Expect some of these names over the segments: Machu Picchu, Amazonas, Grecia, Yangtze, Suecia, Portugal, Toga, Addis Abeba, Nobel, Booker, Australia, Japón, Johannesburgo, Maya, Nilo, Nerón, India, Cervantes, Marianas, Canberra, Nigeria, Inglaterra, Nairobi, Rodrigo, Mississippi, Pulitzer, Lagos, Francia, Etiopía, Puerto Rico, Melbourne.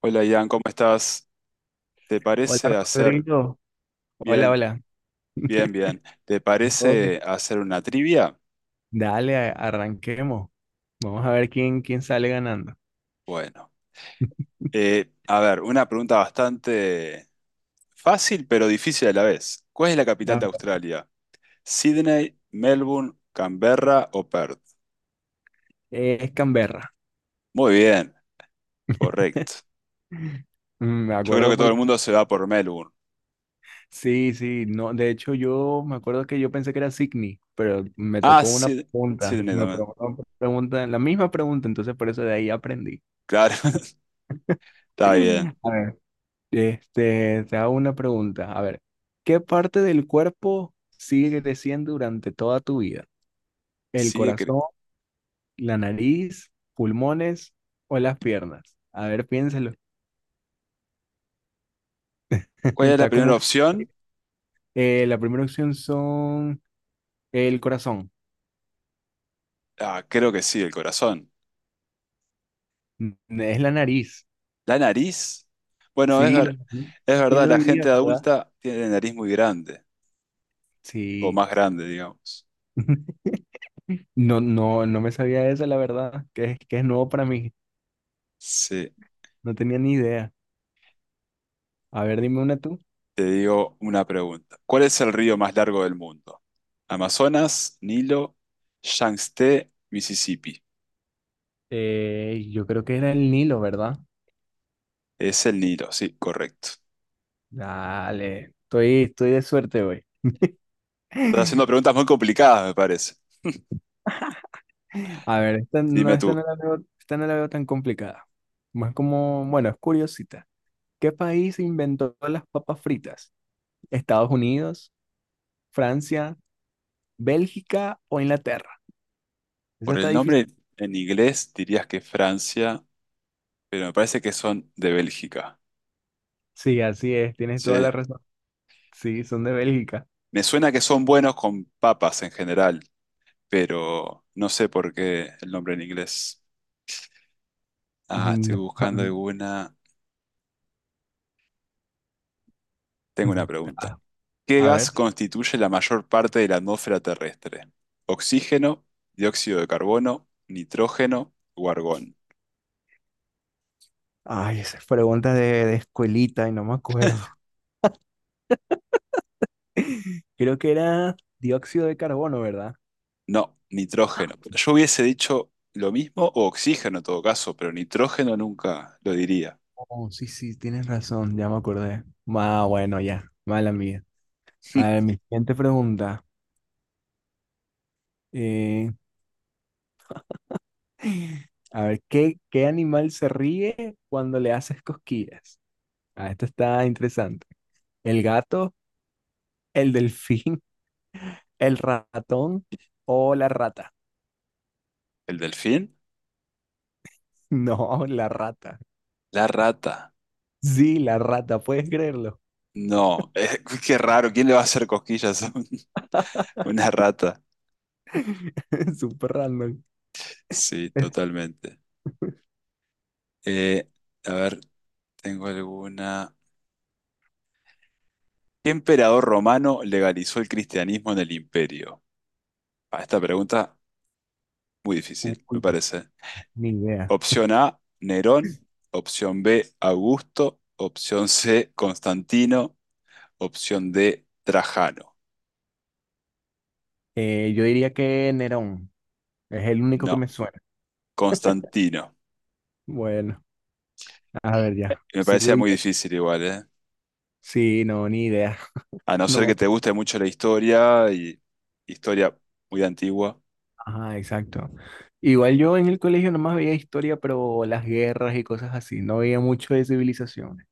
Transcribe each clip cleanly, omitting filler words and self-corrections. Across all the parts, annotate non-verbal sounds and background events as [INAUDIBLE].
Hola Ian, ¿cómo estás? ¿Te Hola parece hacer Rodrigo, hola, Bien, hola. bien, bien. ¿Te Todo. parece hacer una trivia? Dale, arranquemos. Vamos a ver quién sale ganando. Bueno, a ver, una pregunta bastante fácil pero difícil a la vez. ¿Cuál es la capital A de ver, Australia? ¿Sydney, Melbourne, Canberra o Perth? es Canberra. Muy bien, correcto. Me Yo creo acuerdo que todo el porque mundo se va por Melbourne. Sí, no, de hecho yo me acuerdo que yo pensé que era Sydney, pero me Ah, tocó una sí, pregunta, Sydney me también. preguntó una pregunta, la misma pregunta, entonces por eso de ahí aprendí. Claro, [LAUGHS] está bien. [LAUGHS] A ver, te hago una pregunta. A ver, ¿qué parte del cuerpo sigue creciendo durante toda tu vida? ¿El Sigue cre-. corazón, la nariz, pulmones o las piernas? A ver, piénsalo. [LAUGHS] ¿Cuál es la Está primera como que, opción? La primera opción son el corazón. Ah, creo que sí, el corazón. N- Es la nariz. ¿La nariz? Bueno, Sí, la nariz. es ¿Quién verdad, lo la gente diría, verdad? adulta tiene la nariz muy grande, o Sí. más grande, digamos. [LAUGHS] No, no, no me sabía eso, la verdad, que es nuevo para mí. Sí, No tenía ni idea. A ver, dime una tú. te digo una pregunta. ¿Cuál es el río más largo del mundo? Amazonas, Nilo, Yangtze, Mississippi. Yo creo que era el Nilo, ¿verdad? Es el Nilo, sí, correcto. Dale, estoy de suerte hoy. Estás haciendo [LAUGHS] preguntas muy complicadas, me parece. A ver, Dime tú, esta no la veo tan complicada. Más como, bueno, es curiosita. ¿Qué país inventó las papas fritas? ¿Estados Unidos, Francia, Bélgica o Inglaterra? Esa por está el difícil. nombre en inglés dirías que Francia, pero me parece que son de Bélgica. Sí, así es, tienes toda Sí, la razón. Sí, son de Bélgica. me suena que son buenos con papas en general, pero no sé por qué el nombre en inglés. Ah, Mm, estoy buscando alguna. Tengo una [LAUGHS] pregunta. A ¿Qué a gas ver. constituye la mayor parte de la atmósfera terrestre? ¿Oxígeno, dióxido de carbono, nitrógeno o argón? Ay, de escuelita y no me acuerdo. Creo que era dióxido de carbono, ¿verdad? No, nitrógeno. Yo hubiese dicho lo mismo o oxígeno en todo caso, pero nitrógeno nunca lo diría. Oh, sí, sí, tienes razón, ya me acordé. Ah, bueno, ya, mala mía. A ver, [LAUGHS] mi siguiente pregunta. eh, a ver, ¿qué animal se ríe cuando le haces cosquillas? Ah, esto está interesante. ¿El gato, el delfín, [LAUGHS] el ratón o la rata? ¿El delfín? [LAUGHS] No, la rata. La rata. Sí, la rata, puedes creerlo. No, [LAUGHS] qué raro. ¿Quién le va a hacer cosquillas a un- [LAUGHS] una rata? [LAUGHS] Súper random. Sí, Es- totalmente. Eh, a ver, tengo alguna. ¿Qué emperador romano legalizó el cristianismo en el imperio? Ah, esta pregunta muy difícil, me Uy, parece. ni idea. Opción A, Nerón. Opción B, Augusto. Opción C, Constantino. Opción D, Trajano. Yo diría que Nerón. Es el único que No, me suena. Constantino. Bueno, a ver ya. Me Sigo parecía yo. muy difícil igual, ¿eh? Sí, no, ni idea. A [LAUGHS] no No ser me que te acuerdo. guste mucho la historia y historia muy antigua, Ajá, exacto. Igual yo en el colegio nomás veía historia, pero las guerras y cosas así. No veía mucho de civilizaciones.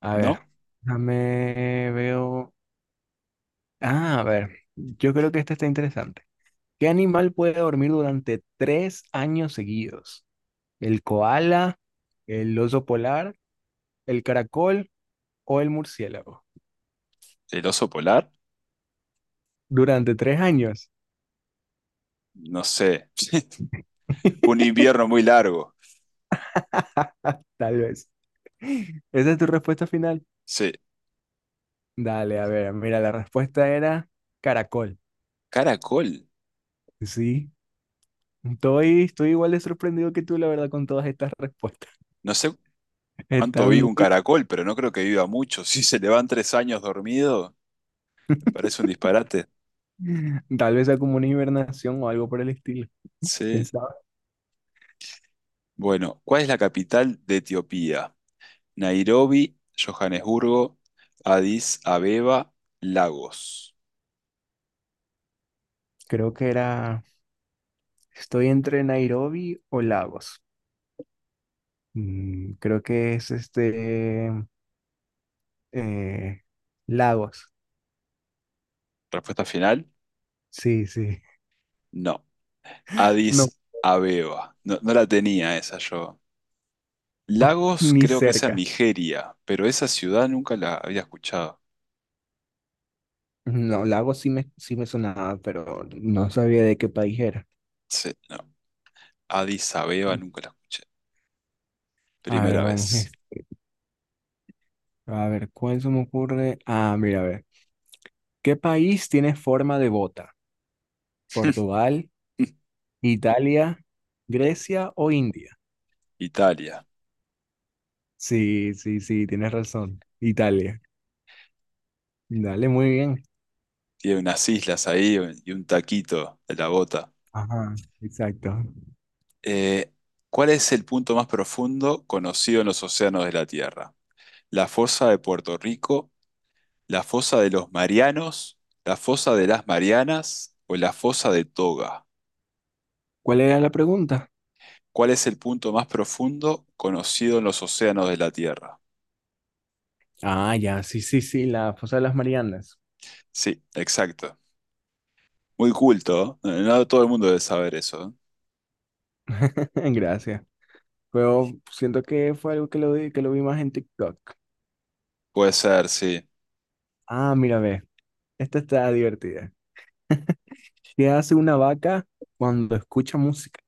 A ver, ¿no? déjame veo. Ah, a ver, yo creo que esta está interesante. ¿Qué animal puede dormir durante 3 años seguidos? ¿El koala, el oso polar, el caracol o el murciélago? El oso polar, Durante tres años, no sé. Un [LAUGHS] invierno muy largo. tal vez. ¿Esa es tu respuesta final? Sí. Dale, a ver, mira, la respuesta era caracol. Caracol. Sí, estoy igual de sorprendido que tú, la verdad, con todas estas respuestas. No sé [LAUGHS] cuánto vive Están, un caracol, pero no creo que viva mucho. [LAUGHS] Si se le van 3 años dormido, me parece un disparate. tal vez sea como una hibernación o algo por el estilo. ¿Quién Sí. sabe? Bueno, ¿cuál es la capital de Etiopía? Nairobi, Johannesburgo, Addis Abeba, Lagos. Creo que era, estoy entre Nairobi o Lagos. Creo que es eh, Lagos. Respuesta final, Sí, sí. no. No, Addis Abeba. No, no la tenía esa yo. [LAUGHS] Lagos ni creo que es en cerca. Nigeria, pero esa ciudad nunca la había escuchado. No, sí me sonaba, pero no sabía de qué país era. Sí, no. Addis Abeba nunca la escuché. A Primera ver, vamos. Vez. A ver, ¿cuál se me ocurre? Ah, mira, a ver. ¿Qué país tiene forma de bota? ¿Portugal, [LAUGHS] Italia, Grecia o India? Italia. Sí, sí, sí, tienes razón. Italia. Dale, muy bien. Tiene unas islas ahí y un taquito de la bota. Ajá, exacto. Eh, ¿Cuál es el punto más profundo conocido en los océanos de la Tierra? ¿La fosa de Puerto Rico, la fosa de los Marianos, la fosa de las Marianas o la fosa de Toga? ¿Cuál era la pregunta? ¿Cuál es el punto más profundo conocido en los océanos de la Tierra? Ah, ya, sí, sí, sí, la fosa de las Marianas. Sí, exacto. Muy culto, ¿eh? No todo el mundo debe saber eso, ¿eh? [LAUGHS] Gracias. Pero siento que fue algo que lo vi más en TikTok. Puede ser, sí. Ah, mira, ve. Esta está divertida. ¿Qué hace una vaca cuando escucha música?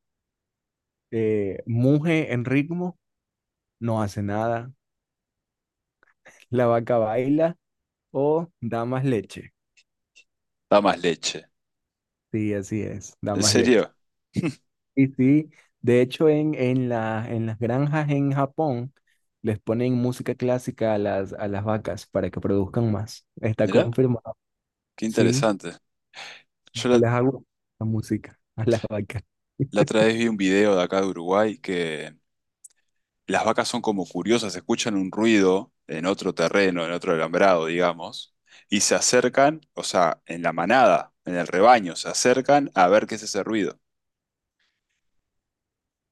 ¿Muge en ritmo? No hace nada. La vaca baila. O da más leche. Da más leche. Sí, así es, da ¿En más leche. serio? Y sí, de hecho en las granjas en Japón les ponen música clásica a a las vacas para que produzcan más. Está Mirá, confirmado. qué Sí, interesante. Yo la, les hago la música a las vacas. La otra vez vi un video de acá de Uruguay que las vacas son como curiosas, escuchan un ruido en otro terreno, en otro alambrado, digamos, y se acercan, o sea, en la manada, en el rebaño, se acercan a ver qué es ese ruido.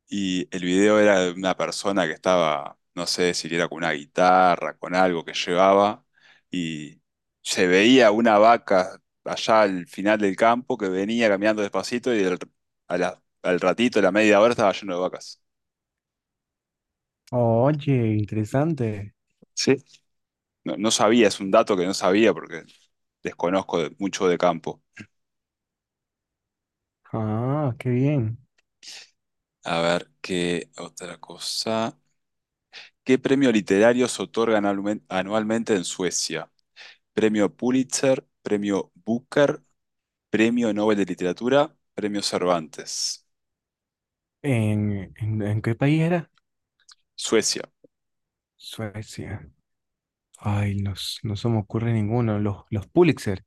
Y el video era de una persona que estaba, no sé si era con una guitarra, con algo que llevaba, y se veía una vaca allá al final del campo que venía caminando despacito y al ratito, a la media hora, estaba lleno de vacas. Oye, interesante. No, no sabía, es un dato que no sabía porque desconozco mucho de campo. Ah, qué bien. A ver, ¿qué otra cosa? ¿Qué premio literario se otorgan anualmente en Suecia? ¿Premio Pulitzer? ¿Premio Booker? ¿Premio Nobel de Literatura? ¿Premio Cervantes? ¿En qué país era? Suecia. Suecia. Ay, no, no se me ocurre ninguno. Los Pulitzer.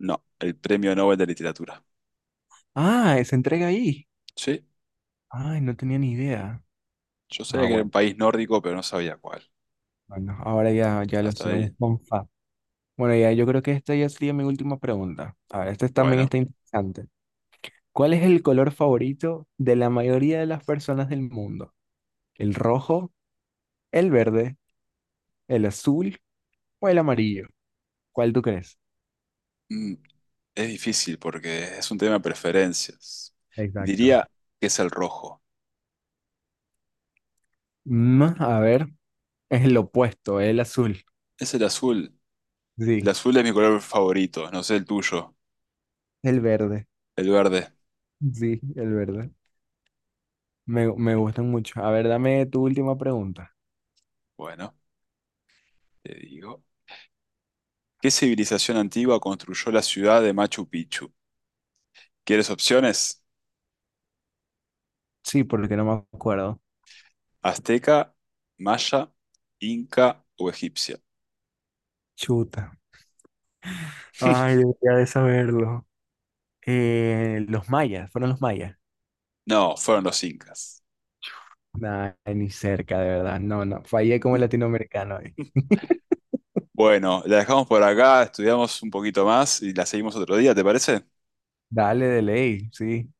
No, el Premio Nobel de Literatura. Ah, se entrega ahí. Sí, Ay, no tenía ni idea. yo Ah, sabía que era bueno. un país nórdico, pero no sabía cuál. Bueno, ahora ya, ya lo Hasta sé, ahí. un fun fact. Bueno, ya yo creo que esta ya sería mi última pregunta. A ver, esta también Bueno. está interesante. ¿Cuál es el color favorito de la mayoría de las personas del mundo? ¿El rojo, el verde, el azul o el amarillo? ¿Cuál tú crees? Mm, Es difícil porque es un tema de preferencias. Exacto. Diría que es el rojo. A ver, es el opuesto, el azul. Es el azul. El Sí, azul es mi color favorito, no sé el tuyo. el verde. El verde. Sí, el verde. Me gustan mucho. A ver, dame tu última pregunta. Bueno, te digo. ¿Qué civilización antigua construyó la ciudad de Machu Picchu? ¿Quieres opciones? Sí, porque no me acuerdo. ¿Azteca, maya, inca o egipcia? Chuta. Ay, debería de saberlo. Fueron los mayas. No, fueron los incas. Nah, ni cerca, de verdad. No, no, fallé como latinoamericano ahí. Bueno, la dejamos por acá, estudiamos un poquito más y la seguimos otro día, ¿te parece? Dale de ley, sí.